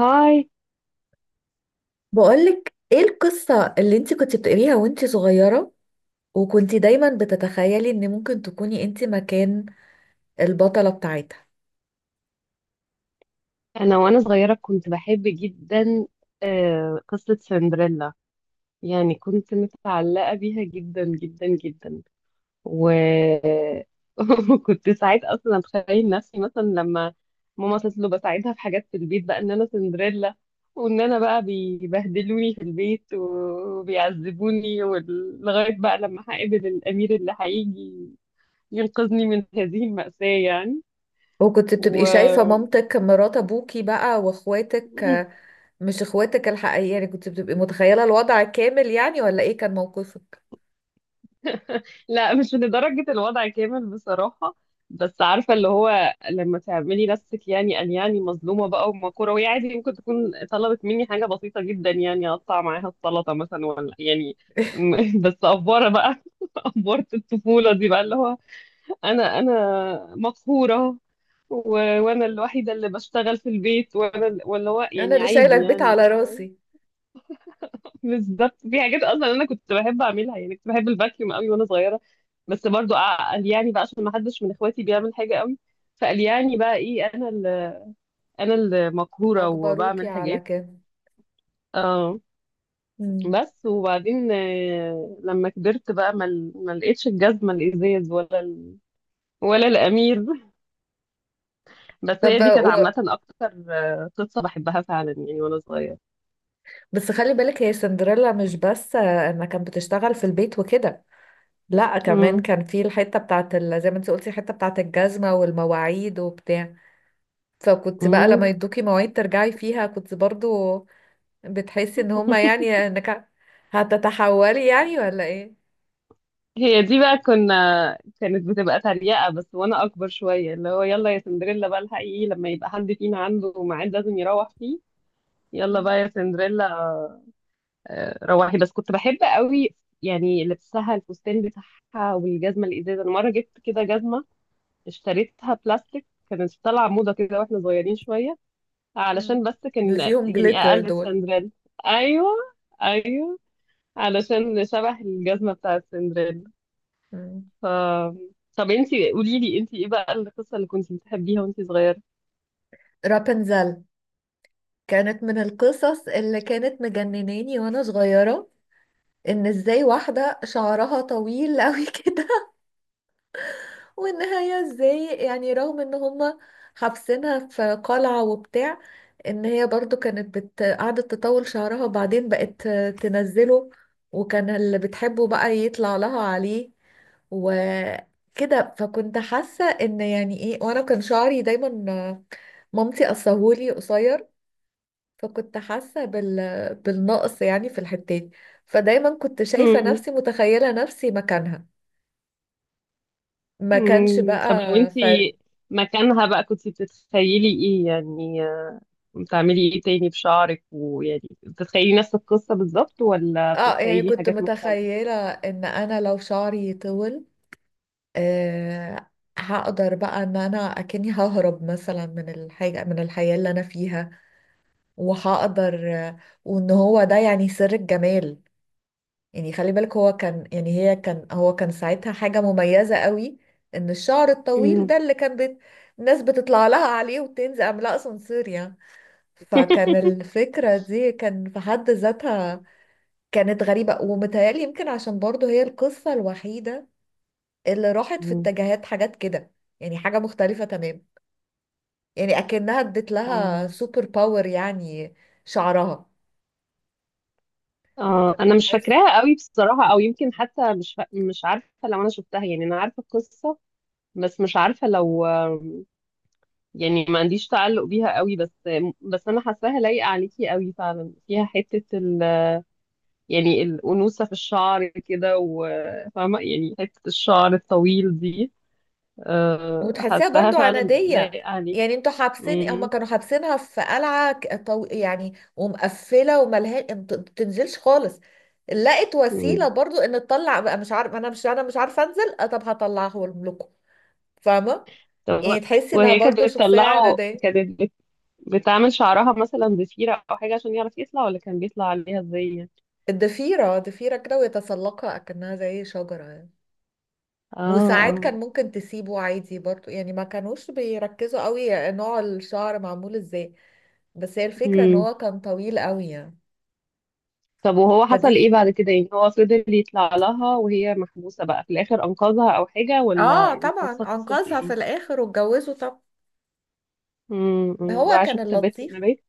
هاي. بقولك ايه القصة اللي انت كنت بتقريها وانت صغيرة، وكنت دايما بتتخيلي ان ممكن تكوني انت مكان البطلة بتاعتها؟ وانا صغيره كنت بحب جدا قصه سندريلا، يعني كنت متعلقه بيها جدا جدا جدا و وكنت ساعات اصلا اتخيل نفسي مثلا لما ماما تطلب اساعدها في حاجات في البيت بقى ان انا سندريلا، وان انا بقى بيبهدلوني في البيت وبيعذبوني لغايه بقى لما هقابل الامير اللي هيجي ينقذني من هذه المأساة يعني. وكنت و بتبقي شايفة مامتك مرات ابوكي بقى واخواتك، مش اخواتك الحقيقية يعني؟ كنت بتبقي متخيلة الوضع كامل يعني، ولا ايه كان موقفك؟ لا، مش لدرجة الوضع كامل بصراحة، بس عارفة اللي هو لما تعملي نفسك يعني أن يعني مظلومة بقى ومقهورة، وهي عادي ممكن تكون طلبت مني حاجة بسيطة جدا، يعني أقطع معاها السلطة مثلا ولا يعني بس أفورة بقى أفورة الطفولة دي بقى اللي هو أنا مقهورة و... وأنا الوحيدة اللي بشتغل في البيت وأنا واللي هو انا يعني اللي شايلة عادي البيت يعني. على راسي. بالظبط، في حاجات اصلا انا كنت بحب اعملها، يعني كنت بحب الفاكيوم قوي وانا صغيره، بس برضو قلياني بقى عشان ما حدش من اخواتي بيعمل حاجه قوي، فقلياني بقى ايه، انا انا المقهوره اجبروكي وبعمل على حاجات. كده؟ اه. مم. بس وبعدين لما كبرت بقى ما لقيتش الجزمه الازاز ولا الامير، بس هي طب دي كانت عامه اكتر، قصه بحبها فعلا يعني وانا صغيره. بس خلي بالك هي سندريلا مش بس انها كانت بتشتغل في البيت وكده. لا، كمان كان في الحتة بتاعت زي ما انت قلتي الحتة بتاعت الجزمة والمواعيد وبتاع. فكنت بقى لما امم. يدوكي مواعيد ترجعي فيها كنت برضو بتحسي ان هما، يعني انك هتتحولي يعني، ولا ايه؟ هي دي بقى كانت بتبقى تريقة، بس وانا اكبر شوية اللي هو، يلا يا سندريلا بقى الحقيقي لما يبقى حد فينا عنده ميعاد لازم يروح فيه، يلا مم. بقى يا سندريلا. روحي. بس كنت بحب قوي يعني لبسها الفستان بتاعها والجزمة الازاز. انا مرة جبت كده جزمة اشتريتها بلاستيك، كانت طالعة موضة كده واحنا صغيرين شوية، علشان مم. بس اللي كان فيهم يعني جليتر اقل دول. سندريلا. ايوه ايوه، علشان شبه الجزمة بتاعت سندريلا. مم. ف... طب انتي قولي لي انتي ايه بقى القصة اللي كنتي بتحبيها وانتي صغيرة؟ رابنزل كانت من القصص اللي كانت مجنناني وانا صغيرة. ان ازاي واحدة شعرها طويل قوي كده، والنهاية ازاي، يعني رغم ان هما حابسينها في قلعة وبتاع، ان هي برضو قعدت تطول شعرها، وبعدين بقت تنزله، وكان اللي بتحبه بقى يطلع لها عليه وكده. فكنت حاسة ان يعني ايه، وانا كان شعري دايما مامتي قصاهولي قصير، فكنت حاسة بالنقص يعني في الحتة دي. فدايما كنت شايفة مم. نفسي متخيلة نفسي مكانها. ما كانش مم. طب لو بقى فرق. انتي مكانها بقى كنتي بتتخيلي ايه يعني؟ بتعملي ايه تاني بشعرك؟ ويعني بتتخيلي نفس القصة بالظبط ولا اه يعني بتتخيلي كنت حاجات مختلفة؟ متخيلة ان انا لو شعري طول، آه هقدر بقى ان انا اكني ههرب مثلا من الحاجة من الحياة اللي انا فيها، وهقدر، وان هو ده يعني سر الجمال. يعني خلي بالك، هو كان يعني هي كان هو كان ساعتها حاجة مميزة قوي، ان الشعر الطويل مم. ده الناس بتطلع لها عليه وتنزل عاملاه اسانسير يعني. فكان الفكرة دي كان في حد ذاتها كانت غريبة، ومتهيألي يمكن عشان برضه هي القصة الوحيدة اللي راحت في مم. اتجاهات حاجات كده، يعني حاجة مختلفة تمام، يعني أكنها ادت لها آه. سوبر باور يعني شعرها. آه. انا مش فبحس. فاكراها قوي بصراحة، او يمكن حتى مش عارفة لو انا شفتها، يعني انا عارفة القصة بس مش عارفة لو، يعني ما عنديش تعلق بيها قوي، بس بس انا حاساها لايقه عليكي قوي فعلا، فيها يعني الانوثه في الشعر كده، وفاهمه يعني حته الشعر الطويل دي، وتحسيها حاساها برضه فعلا عنادية، لايقه عليك. يعني انتوا حابسين هما مم. كانوا حابسينها في قلعة يعني، ومقفلة وملهاش، ما بتنزلش خالص. لقت وسيلة مم. برضو ان تطلع بقى. مش عارف انا مش انا مش عارفة انزل، طب هطلعه لكم. فاهمة؟ طب و- يعني تحسي انها وهي كانت برضو شخصية بتطلعه، عنادية. بتعمل شعرها مثلا ضفيره او حاجه عشان يعرف يطلع، ولا كان بيطلع عليها ازاي يعني؟ الضفيرة ضفيرة كده ويتسلقها أكنها زي شجرة يعني. اه. وساعات اه. كان ممكن تسيبه عادي برضو يعني، ما كانوش بيركزوا قوي نوع الشعر معمول ازاي. بس هي الفكرة ان مم. هو كان طويل قوي يعني. طب وهو حصل فدي. ايه بعد كده؟ يعني هو فضل يطلع لها وهي محبوسة بقى، في الاخر انقذها او حاجة؟ ولا اه طبعا القصة قصة انقذها في ايه؟ الاخر واتجوزوا. طب امم، هو بقى كان شفت بيت اللطيف. ونبات.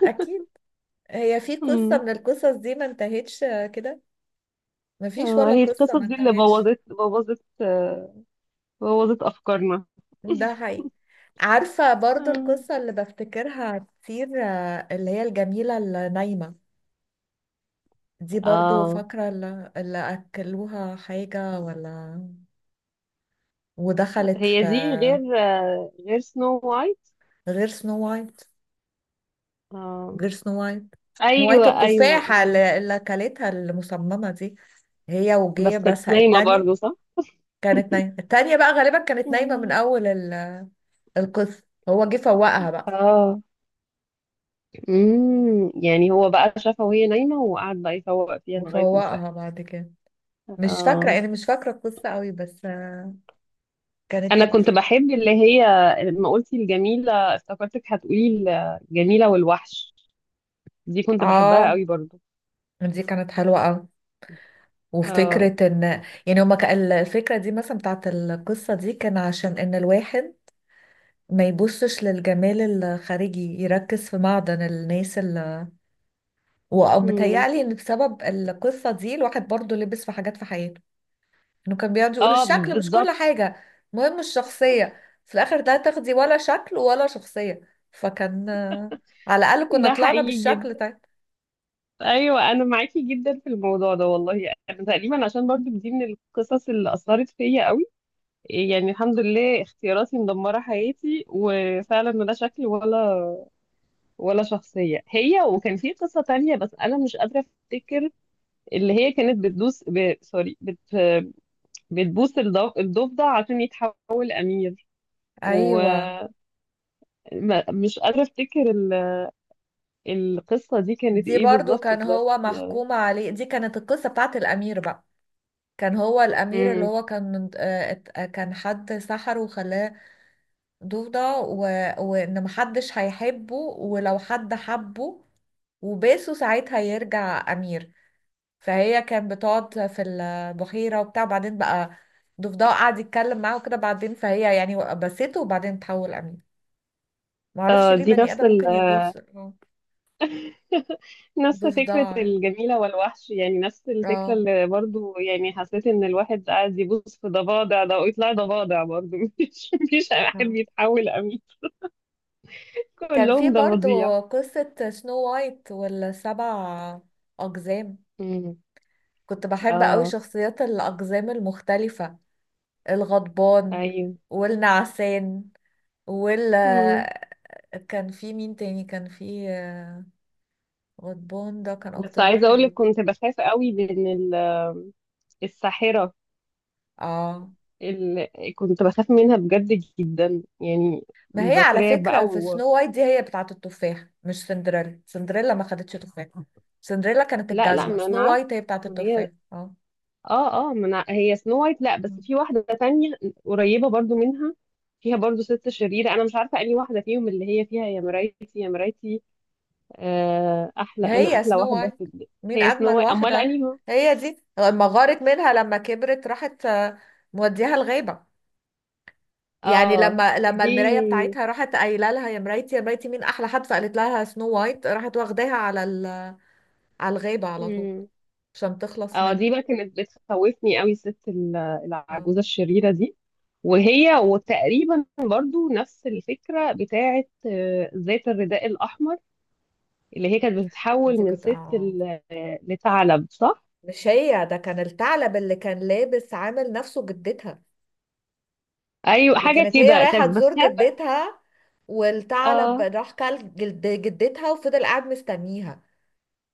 اكيد. هي في قصة امم. من القصص دي ما انتهتش كده؟ ما فيش اه، ولا هي قصة القصص ما دي اللي انتهتش. بوظت بوظت افكارنا. ده حقيقي. عارفة برضو مم. القصة اللي بفتكرها كتير، اللي هي الجميلة النايمة. دي برضو اه، فاكرة اللي أكلوها حاجة ولا. ودخلت هي في. دي غير غير سنو وايت. غير سنو وايت. اه. غير سنو وايت. وايت، ايوه ايوه. التفاحة مم. اللي أكلتها المصممة دي، هي وجية. بس بس كانت نايمة التانية برضو صح؟ كانت نايمة. التانية بقى غالبا كانت نايمة من مم. القصة. هو جه فوقها بقى. اه. امم، يعني هو بقى شافها وهي نايمة وقعد بقى يفوق فيها لغاية ما. وفوقها بعد كده. مش فاكرة، اه. يعني مش فاكرة القصة قوي، بس كانت انا كده. كنت بحب اللي هي، لما قلتي الجميله افتكرتك هتقولي الجميله والوحش، دي كنت بحبها اه قوي برضو. دي كانت حلوة قوي. اه. وفكرة ان، يعني هما كان الفكرة دي مثلا بتاعت القصة دي كان عشان ان الواحد ما يبصش للجمال الخارجي، يركز في معدن الناس اللي مم. ومتهيألي ان بسبب القصة دي الواحد برضو لبس في حاجات في حياته، انه كان بيقعد يقول اه، الشكل مش كل بالظبط. حاجة. مهم الشخصية في الاخر، ده تاخدي ولا شكل ولا شخصية، فكان، على الاقل كنا ده طلعنا حقيقي بالشكل جدا. طيب. ايوه انا معاكي جدا في الموضوع ده والله، انا تقريبا عشان برضو دي من القصص اللي اثرت فيا قوي، يعني الحمد لله اختياراتي مدمره حياتي، وفعلا لا شكل ولا ولا شخصيه. هي، وكان في قصه تانية بس انا مش قادره افتكر، اللي هي كانت سوري، بتبوس الضفدع عشان يتحول أمير، ايوه، ومش قادرة أفتكر القصة دي كانت دي إيه برضو بالظبط كان هو بس. محكوم عليه. دي كانت القصة بتاعت الامير بقى. كان هو الأمير، اللي امم. هو كان من- آه، ات- آه، كان حد سحره وخلاه ضفدع، وإن محدش هيحبه، ولو حد حبه وباسه ساعتها يرجع أمير. فهي كان بتقعد في البحيرة وبتاع، بعدين بقى ضفدع قعد يتكلم معاه وكده، بعدين فهي يعني بسته، وبعدين تحول أمير. معرفش آه ليه دي بني نفس آدم ممكن يبوس نفس فكرة ضفدع. الجميلة والوحش يعني، نفس الفكرة. اه. اللي برضو يعني حسيت إن الواحد قاعد يبوس في ضفادع ده ويطلع ضفادع برضو مفيش واحد اه. بيتحول أمير، كان في كلهم ضفاديع. برضو قصة سنو وايت والسبع أقزام. امم. كنت بحب قوي اه. شخصيات الأقزام المختلفة. الغضبان، ايوه. والنعسان، وال. مم. كان في مين تاني؟ كان في غضبان ده كان بس أكتر عايزة واحد اقولك كنت بخاف قوي من الساحرة، اه. ال... كنت بخاف منها بجد جدا يعني، ما هي على بترعب فكرة بقى في سنو وايت دي هي بتاعة التفاح مش سندريلا. سندريلا ما خدتش تفاح. سندريلا كانت لا لا، الجزمة، ما انا سنو عارفة. وايت هي بتاعة ما هي، التفاح. اه. اه اه، ما أنا... هي سنو وايت، لا بس في واحدة تانية قريبة برضو منها، فيها برضو ست شريرة، انا مش عارفة انهي واحدة فيهم اللي هي فيها يا مرايتي يا مرايتي، آه احلى انا هي احلى سنو واحدة في وايت مين هي سنو أجمل وايت، امال واحدة. انهي؟ هي دي لما غارت منها لما كبرت راحت، موديها الغابة. يعني اه لما دي. المرايه بتاعتها راحت قايله لها يا مرايتي يا مرايتي مين احلى حد، فقالت لها سنو وايت، راحت واخداها على على الغابه على طول عشان تخلص اه منها. دي بقى كانت بتخوفني قوي الست العجوزة اه. الشريرة دي. وهي وتقريبا برضو نفس الفكرة بتاعة ذات الرداء الأحمر، اللي هي كانت بتتحول انت من كنت. اه لثعلب صح؟ مش، هي ده كان الثعلب اللي كان لابس عامل نفسه جدتها. أيوة دي حاجة كانت هي كده، رايحه كانت تزور بتخاف. جدتها، والثعلب اه. راح كل جلد جدتها وفضل قاعد مستنيها.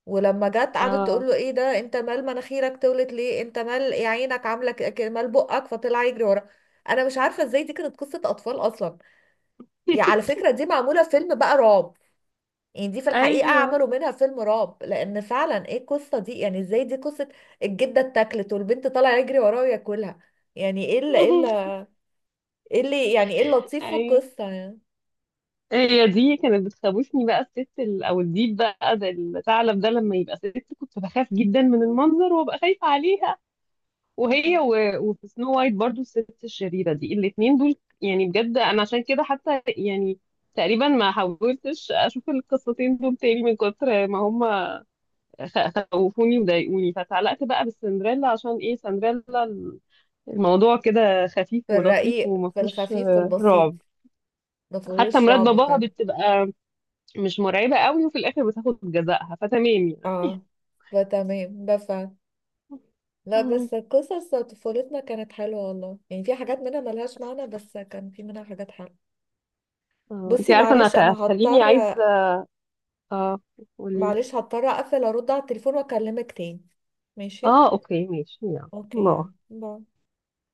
ولما جت قعدت اه. تقول له ايه ده، انت مال مناخيرك تولت ليه، انت مال يا عينك عامله مال بقك، فطلع يجري ورا. انا مش عارفه ازاي دي كانت قصه اطفال اصلا. يعني على فكره دي معموله فيلم بقى رعب، يعني دي في الحقيقه ايوه. عملوا منها فيلم رعب، لان فعلا ايه القصه دي، يعني ازاي دي قصه الجده اتاكلت والبنت طالعه يجري وراها وياكلها. يعني ايه اللي يعني ايه اللطيف في ايوه، القصه يعني؟ هي دي كانت بتخوفني بقى الست او الديب بقى ده، الثعلب ده لما يبقى ست، كنت بخاف جدا من المنظر وابقى خايفة عليه. وهي و... وفي سنو وايت برضو الست الشريرة دي، الاتنين دول يعني بجد انا عشان كده حتى يعني تقريبا ما حاولتش اشوف القصتين دول تاني من كتر ما هم خوفوني وضايقوني، فتعلقت بقى بالسندريلا عشان ايه؟ سندريلا الموضوع كده خفيف في ولطيف، الرقيق وما في فيهوش الخفيف في البسيط، رعب. ما حتى فيهوش مرات رعب باباها فعلا. بتبقى مش مرعبة قوي، وفي الاخر بتاخد جزاءها، فتمام يعني. اه فتمام، بفهم. لا مم. بس قصص طفولتنا كانت حلوة والله، يعني في حاجات منها ملهاش معنى، بس كان في منها حاجات حلوة. بصي انتي عارفة انا معلش انا هتخليني عايزة. هضطر. اه، قولي. معلش هضطر اقفل ارد على التليفون، واكلمك تاني. ماشي. اه اوكي ماشي، يلا اوكي باي. يعني باي.